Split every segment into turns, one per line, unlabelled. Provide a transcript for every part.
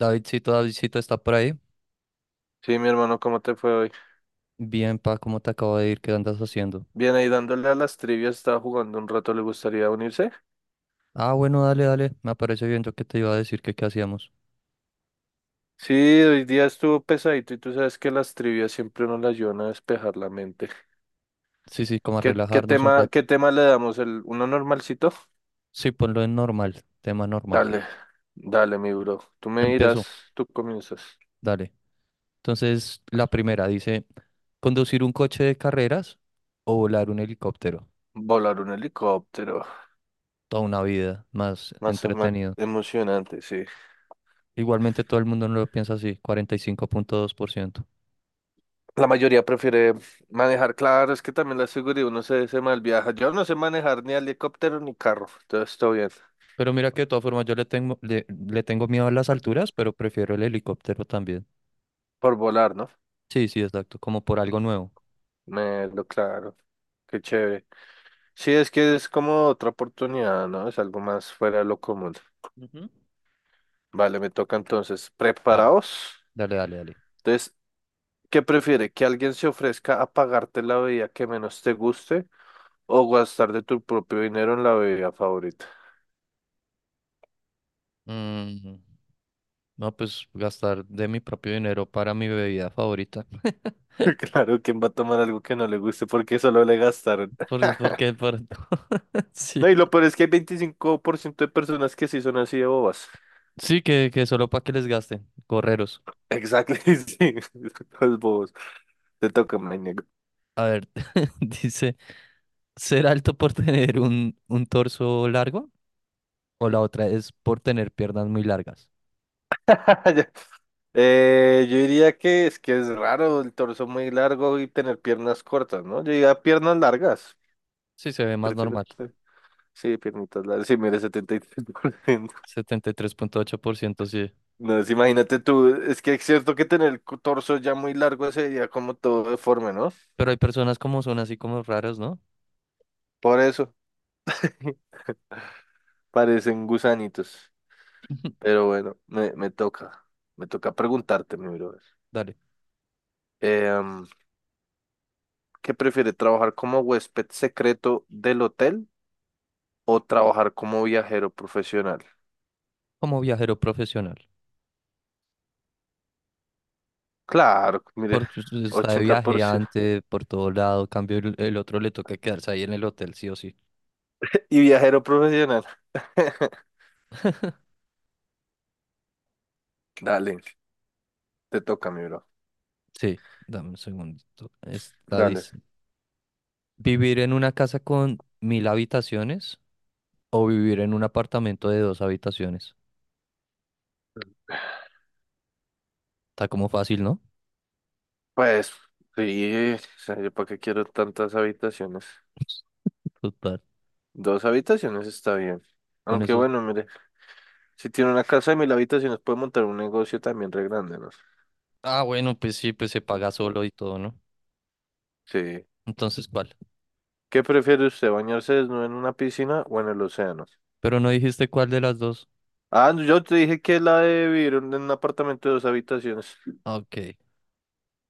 Davidcito, Davidcito está por ahí.
Sí, mi hermano, ¿cómo te fue hoy?
Bien, pa, ¿cómo te acabo de ir? ¿Qué andas haciendo?
Bien, ahí dándole a las trivias, estaba jugando un rato, ¿le gustaría unirse?
Ah, bueno, dale, dale. Me parece bien. Yo que te iba a decir que qué hacíamos.
Sí, hoy día estuvo pesadito y tú sabes que las trivias siempre nos las ayudan a despejar la mente.
Sí, sí, como a
¿Qué, qué
relajarnos un
tema,
rato.
qué tema le damos? ¿El, uno normalcito?
Sí, ponlo en normal, tema normal.
Dale, dale, mi bro. Tú me
Empezó,
dirás, tú comienzas.
dale. Entonces, la primera dice, conducir un coche de carreras o volar un helicóptero.
Volar un helicóptero,
Toda una vida más
más
entretenido.
emocionante, sí.
Igualmente todo el mundo no lo piensa así, 45.2%.
La mayoría prefiere manejar, claro, es que también la seguridad uno se mal viaja. Yo no sé manejar ni helicóptero ni carro, entonces todo bien.
Pero mira que de todas formas yo le tengo miedo a las alturas, pero prefiero el helicóptero también.
Por volar, ¿no?
Sí, sí, exacto, como por algo nuevo.
Melo, claro, qué chévere. Sí, es que es como otra oportunidad, ¿no? Es algo más fuera de lo común.
Ujú.
Vale, me toca entonces.
Dale,
¿Preparados?
dale, dale, dale.
Entonces, ¿qué prefiere? ¿Que alguien se ofrezca a pagarte la bebida que menos te guste o gastar de tu propio dinero en la bebida favorita?
Mm, no, pues gastar de mi propio dinero para mi bebida favorita.
Claro, ¿quién va a tomar algo que no le guste porque solo le gastaron?
¿Por qué? Por.
No,
Sí.
y lo peor es que hay 25% de personas que sí son así de bobas.
Sí, que solo para que les gasten. Correros.
Exacto, sí, los bobos. Te toca, me niego.
A ver, dice, ¿ser alto por tener un torso largo? O la otra es por tener piernas muy largas.
Yo diría que es raro el torso muy largo y tener piernas cortas, ¿no? Yo diría piernas largas.
Sí, se ve más
Prefiero.
normal.
te- Sí, piernitas largas. Sí, mire, 73%.
73.8% sí.
No, es- Imagínate tú. Es que es cierto que tener el torso ya muy largo sería como todo deforme, ¿no?
Pero hay personas como son así como raras, ¿no?
Por eso parecen gusanitos. Pero bueno, me toca. Me toca preguntarte, mi brother.
Dale.
Em, ¿Qué prefiere, trabajar como huésped secreto del hotel o trabajar como viajero profesional?
Como viajero profesional.
Claro, mire,
Porque usted está de
ochenta por
viaje
ciento
antes, por todo lado. Cambio, el otro le toca quedarse ahí en el hotel, sí o sí.
Y viajero profesional. Dale, te toca, mi bro.
Sí, dame un segundito. Está,
Dale.
dice, ¿vivir en una casa con mil habitaciones o vivir en un apartamento de dos habitaciones? Está como fácil, ¿no?
Pues, sí, o sea, yo para qué quiero tantas habitaciones.
Total,
Dos habitaciones está bien.
con
Aunque
eso.
bueno, mire, si tiene una casa de 1.000 habitaciones, puede montar un negocio también re grande, ¿no?
Ah, bueno, pues sí, pues se
Ah,
paga solo y todo, ¿no?
sí.
Entonces, ¿cuál?
¿Qué prefiere usted, bañarse desnudo en una piscina o en el océano?
Pero no dijiste cuál de las dos.
Ah, no, yo te dije que la de vivir en un apartamento de dos habitaciones.
Ah, ok,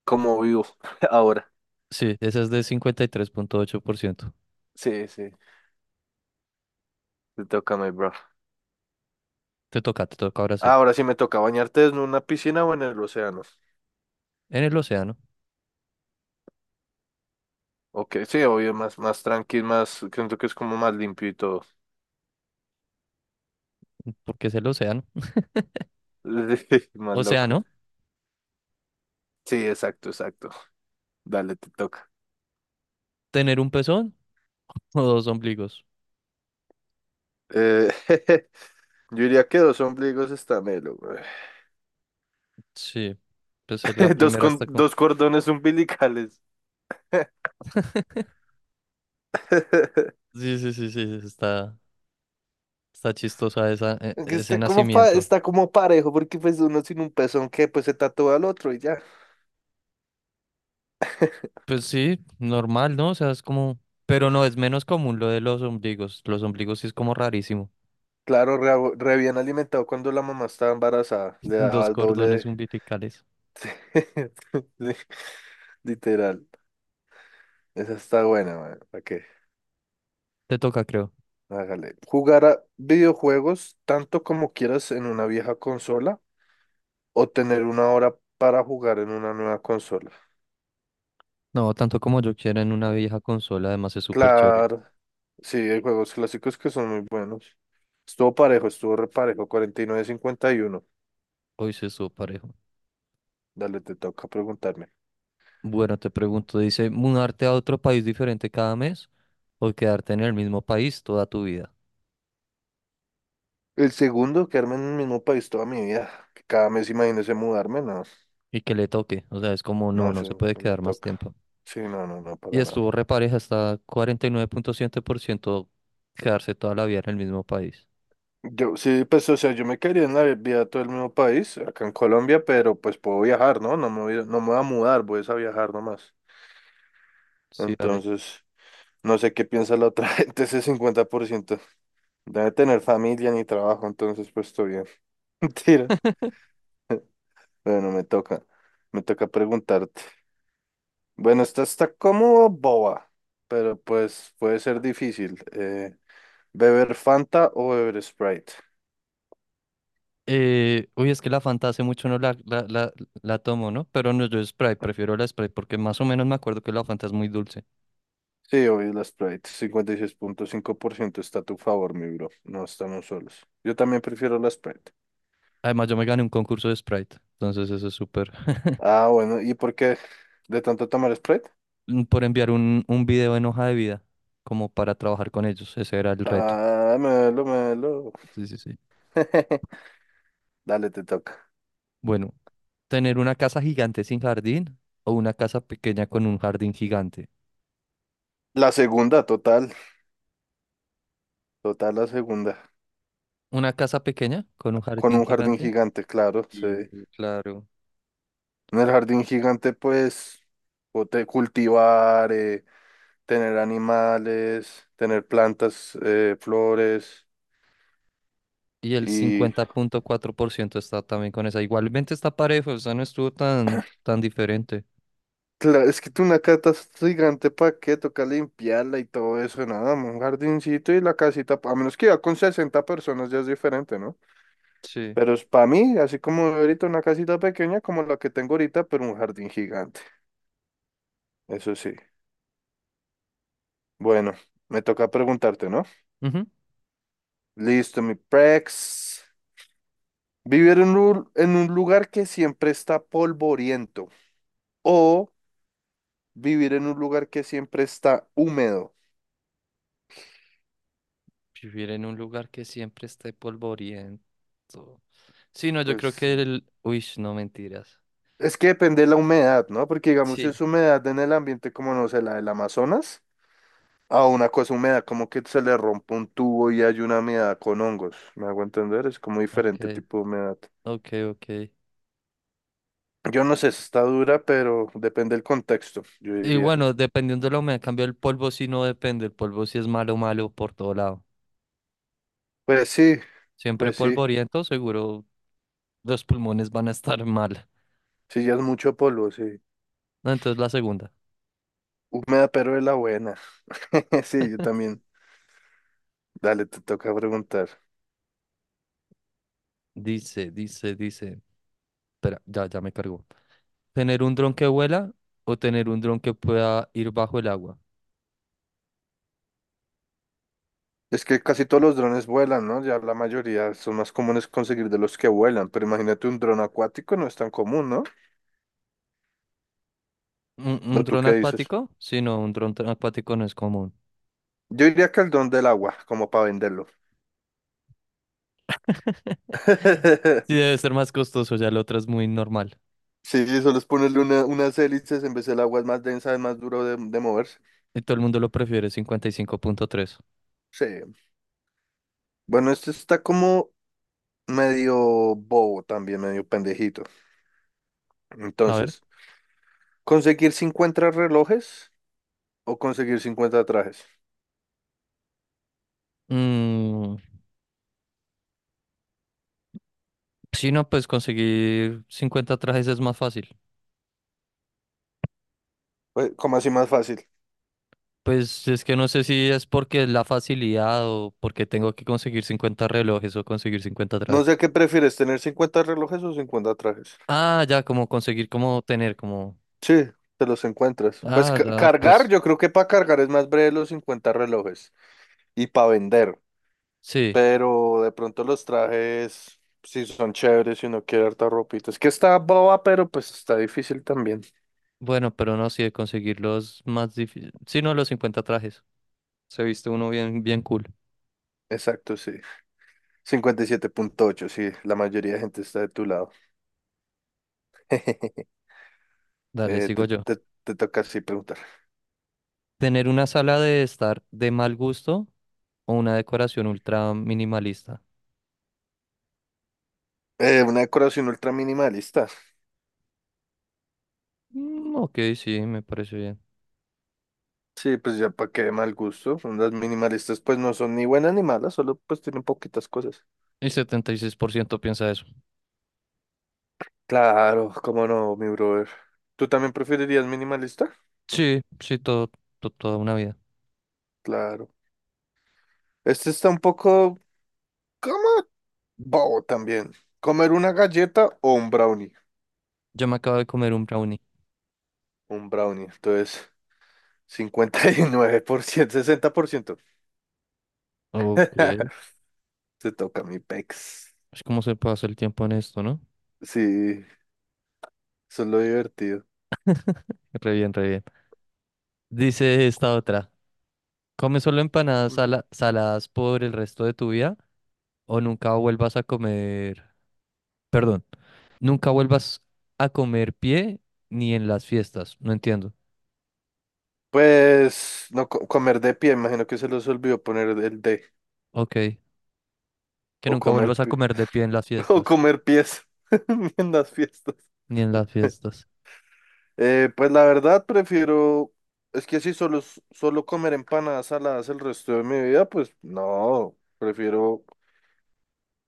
Como vivo ahora.
sí, esa es de 53.8%.
Sí, sí, te toca, mi bro.
Te toca ahora sí.
Ahora sí me toca bañarte en una piscina o en el océano.
En el océano,
Ok, sí, obvio, más, más tranqui, más, creo que es como más limpio y todo.
porque es el océano.
Más
O sea,
loco.
¿no?
Sí, exacto, exacto. Dale, te toca.
¿Tener un pezón o dos ombligos?
Eh, yo diría que dos ombligos está melo, güey.
Sí, pues la
Dos,
primera
con,
está con.
dos cordones umbilicales.
Sí, sí, sí, sí, está chistosa esa,
Aunque
ese
está como,
nacimiento.
está como parejo, porque pues uno sin un pezón que pues se tatúa al otro y ya.
Pues sí, normal, ¿no? O sea, es como. Pero no, es menos común lo de los ombligos. Los ombligos sí es como rarísimo.
Claro, re, re bien alimentado cuando la mamá estaba embarazada, le daba
Dos
el doble
cordones
de...
umbilicales.
Sí, literal. Esa está buena, man. ¿Para qué?
Te toca, creo.
Hágale. ¿Jugar a videojuegos tanto como quieras en una vieja consola o tener una hora para jugar en una nueva consola?
No, tanto como yo quiera en una vieja consola, además es súper chévere.
Claro. Sí, hay juegos clásicos que son muy buenos. Estuvo parejo, estuvo reparejo, cuarenta y nueve cincuenta y uno.
Hoy se estuvo parejo.
Dale, te toca preguntarme.
Bueno, te pregunto, dice, ¿mudarte a otro país diferente cada mes o quedarte en el mismo país toda tu vida?
El segundo, quedarme en el mismo país toda mi vida. Que cada mes imagínese mudarme, no.
Y que le toque, o sea, es como
No,
no, no se
eso
puede
no me
quedar más
toca.
tiempo.
Sí, no, no, no,
Y
para nada.
estuvo repareja hasta 49.7% quedarse toda la vida en el mismo país.
Yo sí, pues, o sea, yo me quería en la vida todo el mismo país, acá en Colombia, pero pues puedo viajar, ¿no? No me voy, no me voy a mudar, voy es a viajar nomás.
Sí, dale.
Entonces, no sé qué piensa la otra gente, ese 50%. Debe tener familia ni trabajo, entonces pues estoy bien. Mentira. Bueno, me toca preguntarte. Bueno, esta está como boba, pero pues puede ser difícil. ¿Beber Fanta o beber Sprite?
Uy, es que la Fanta hace mucho no la tomo, ¿no? Pero no, yo Sprite, prefiero la Sprite porque más o menos me acuerdo que la Fanta es muy dulce.
Sí, obvio, la Sprite. 56,5% está a tu favor, mi bro. No estamos solos. Yo también prefiero la Sprite.
Además, yo me gané un concurso de Sprite, entonces eso es súper.
Ah, bueno, ¿y por qué de tanto tomar Sprite?
Por enviar un video en hoja de vida, como para trabajar con ellos, ese era el reto.
Ah, melo, melo.
Sí, sí, sí.
Dale, te toca.
Bueno, tener una casa gigante sin jardín o una casa pequeña con un jardín gigante.
La segunda, total. Total, la segunda.
Una casa pequeña con un
Con
jardín
un jardín
gigante.
gigante, claro, sí. En
Y claro.
el jardín gigante, pues, cultivar, tener animales, tener plantas, flores
Y el
y
50.4% está también con esa. Igualmente está parejo, o sea, no estuvo tan, tan diferente.
claro, es que tú una cata es gigante, ¿para qué? Toca limpiarla y todo eso, nada, un jardincito y la casita, a menos que iba con 60 personas ya es diferente, ¿no?
Sí.
Pero es para mí, así como ahorita una casita pequeña como la que tengo ahorita, pero un jardín gigante, eso sí. Bueno, me toca preguntarte, ¿no?
Ujú.
Listo, mi Prex. Vivir en un lugar que siempre está polvoriento o vivir en un lugar que siempre está húmedo.
Vivir en un lugar que siempre esté polvoriento. Sí, no, yo creo
Pues
que el. Uy, no mentiras.
es que depende de la humedad, ¿no? Porque digamos, si
Sí.
es humedad en el ambiente como, no sé, la del Amazonas, a una cosa húmeda como que se le rompe un tubo y hay una humedad con hongos, ¿me hago entender? Es como diferente
Ok,
tipo de humedad.
ok, ok.
Yo no sé si está dura, pero depende del contexto, yo
Y
diría.
bueno, dependiendo de la humedad, en cambio el polvo sí no depende. El polvo sí es malo, malo por todo lado.
Pues sí,
Siempre
pues sí,
polvoriento, seguro los pulmones van a estar mal.
sí, ya es mucho polvo, sí.
No, entonces la segunda.
Húmeda, pero de la buena. Sí, yo también. Dale, te toca preguntar.
Dice. Espera, ya, ya me cargó. ¿Tener un dron que vuela o tener un dron que pueda ir bajo el agua?
Es que casi todos los drones vuelan, ¿no? Ya la mayoría son más comunes conseguir de los que vuelan, pero imagínate un dron acuático no es tan común, ¿no?
¿Un
¿O tú
dron
qué dices?
acuático? Sí, no, un dron acuático no es común.
Yo diría que el dron del agua, como para venderlo.
Sí, debe ser más costoso, ya la otra es muy normal.
Sí, sí, solo es ponerle unas hélices, en vez el agua es más densa, es más duro de moverse.
Y todo el mundo lo prefiere, 55.3.
Sí. Bueno, este está como medio bobo también, medio pendejito.
A ver.
Entonces, ¿conseguir 50 relojes o conseguir 50 trajes?
Mm, sí, no, pues conseguir 50 trajes es más fácil.
Pues, como así más fácil?
Pues es que no sé si es porque es la facilidad o porque tengo que conseguir 50 relojes o conseguir 50
No sé
trajes.
qué prefieres, tener 50 relojes o 50 trajes.
Ah, ya, como conseguir, como tener, como.
Sí, te los encuentras. Pues
Ah, da,
cargar,
pues
yo creo que para cargar es más breve los 50 relojes y para vender.
sí.
Pero de pronto los trajes, si son chéveres si uno quiere harta ropita. Es que está boba, pero pues está difícil también.
Bueno, pero no, sí, de conseguir los más difíciles. Sí, no, los 50 trajes. Se viste uno bien, bien cool.
Exacto, sí. 57,8 sí, la mayoría de gente está de tu lado.
Dale,
Eh,
sigo
te,
yo.
te- te toca así preguntar.
Tener una sala de estar de mal gusto o una decoración ultra minimalista.
Una decoración ultra minimalista.
Mm, ok, sí, me parece bien.
Sí, pues ya para qué mal gusto. Son las minimalistas pues no son ni buenas ni malas, solo pues tienen poquitas cosas.
El 76% piensa eso.
Claro, cómo no, mi brother. ¿Tú también preferirías minimalista?
Sí, sí, todo, toda una vida.
Claro. Este está un poco como bobo también. ¿Comer una galleta o un brownie?
Yo me acabo de comer un brownie.
Un brownie. Entonces, 59%, 60%.
Ok.
Se toca mi pex.
Es como se pasa el tiempo en esto, ¿no?
Sí, eso es lo divertido.
Re bien, re bien. Dice esta otra. ¿Come solo empanadas
Mm.
saladas por el resto de tu vida o nunca vuelvas a comer. Perdón, nunca vuelvas a comer pie ni en las fiestas? No entiendo.
Pues no co- comer de pie, imagino que se los olvidó poner el de.
Ok. Que
O
nunca
comer
vuelvas a
pi-
comer de pie en las
O
fiestas.
comer pies en las fiestas.
Ni en las fiestas.
Pues la verdad prefiero, es que si solo comer empanadas saladas el resto de mi vida, pues no, prefiero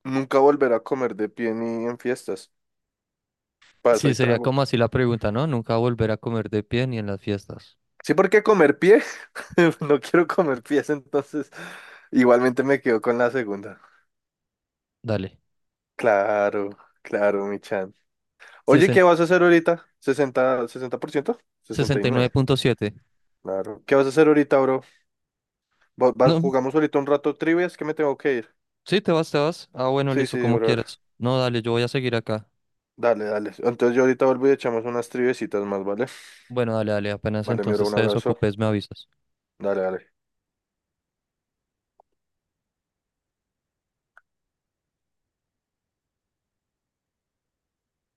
nunca volver a comer de pie ni en fiestas. Para eso
Sí,
hay
sería
trago.
como así la pregunta, ¿no? Nunca volver a comer de pie ni en las fiestas.
Sí, porque comer pie, no quiero comer pies, entonces igualmente me quedo con la segunda.
Dale.
Claro, claro, mi chan. Oye, ¿qué
sesenta
vas a hacer ahorita? ¿60, 60%?
sesenta y nueve
69,
punto siete
claro. ¿Qué vas a hacer ahorita, bro?
No,
Jugamos ahorita un rato trivias que me tengo que ir.
sí, te vas, te vas. Ah, bueno,
Sí,
listo,
sí,
como
brother.
quieras. No, dale, yo voy a seguir acá.
Dale, dale. Entonces yo ahorita vuelvo y echamos unas triviecitas más, ¿vale?
Bueno, dale, dale, apenas
Vale, mi bro,
entonces
un
te
abrazo.
desocupes, me avisas.
Dale, dale.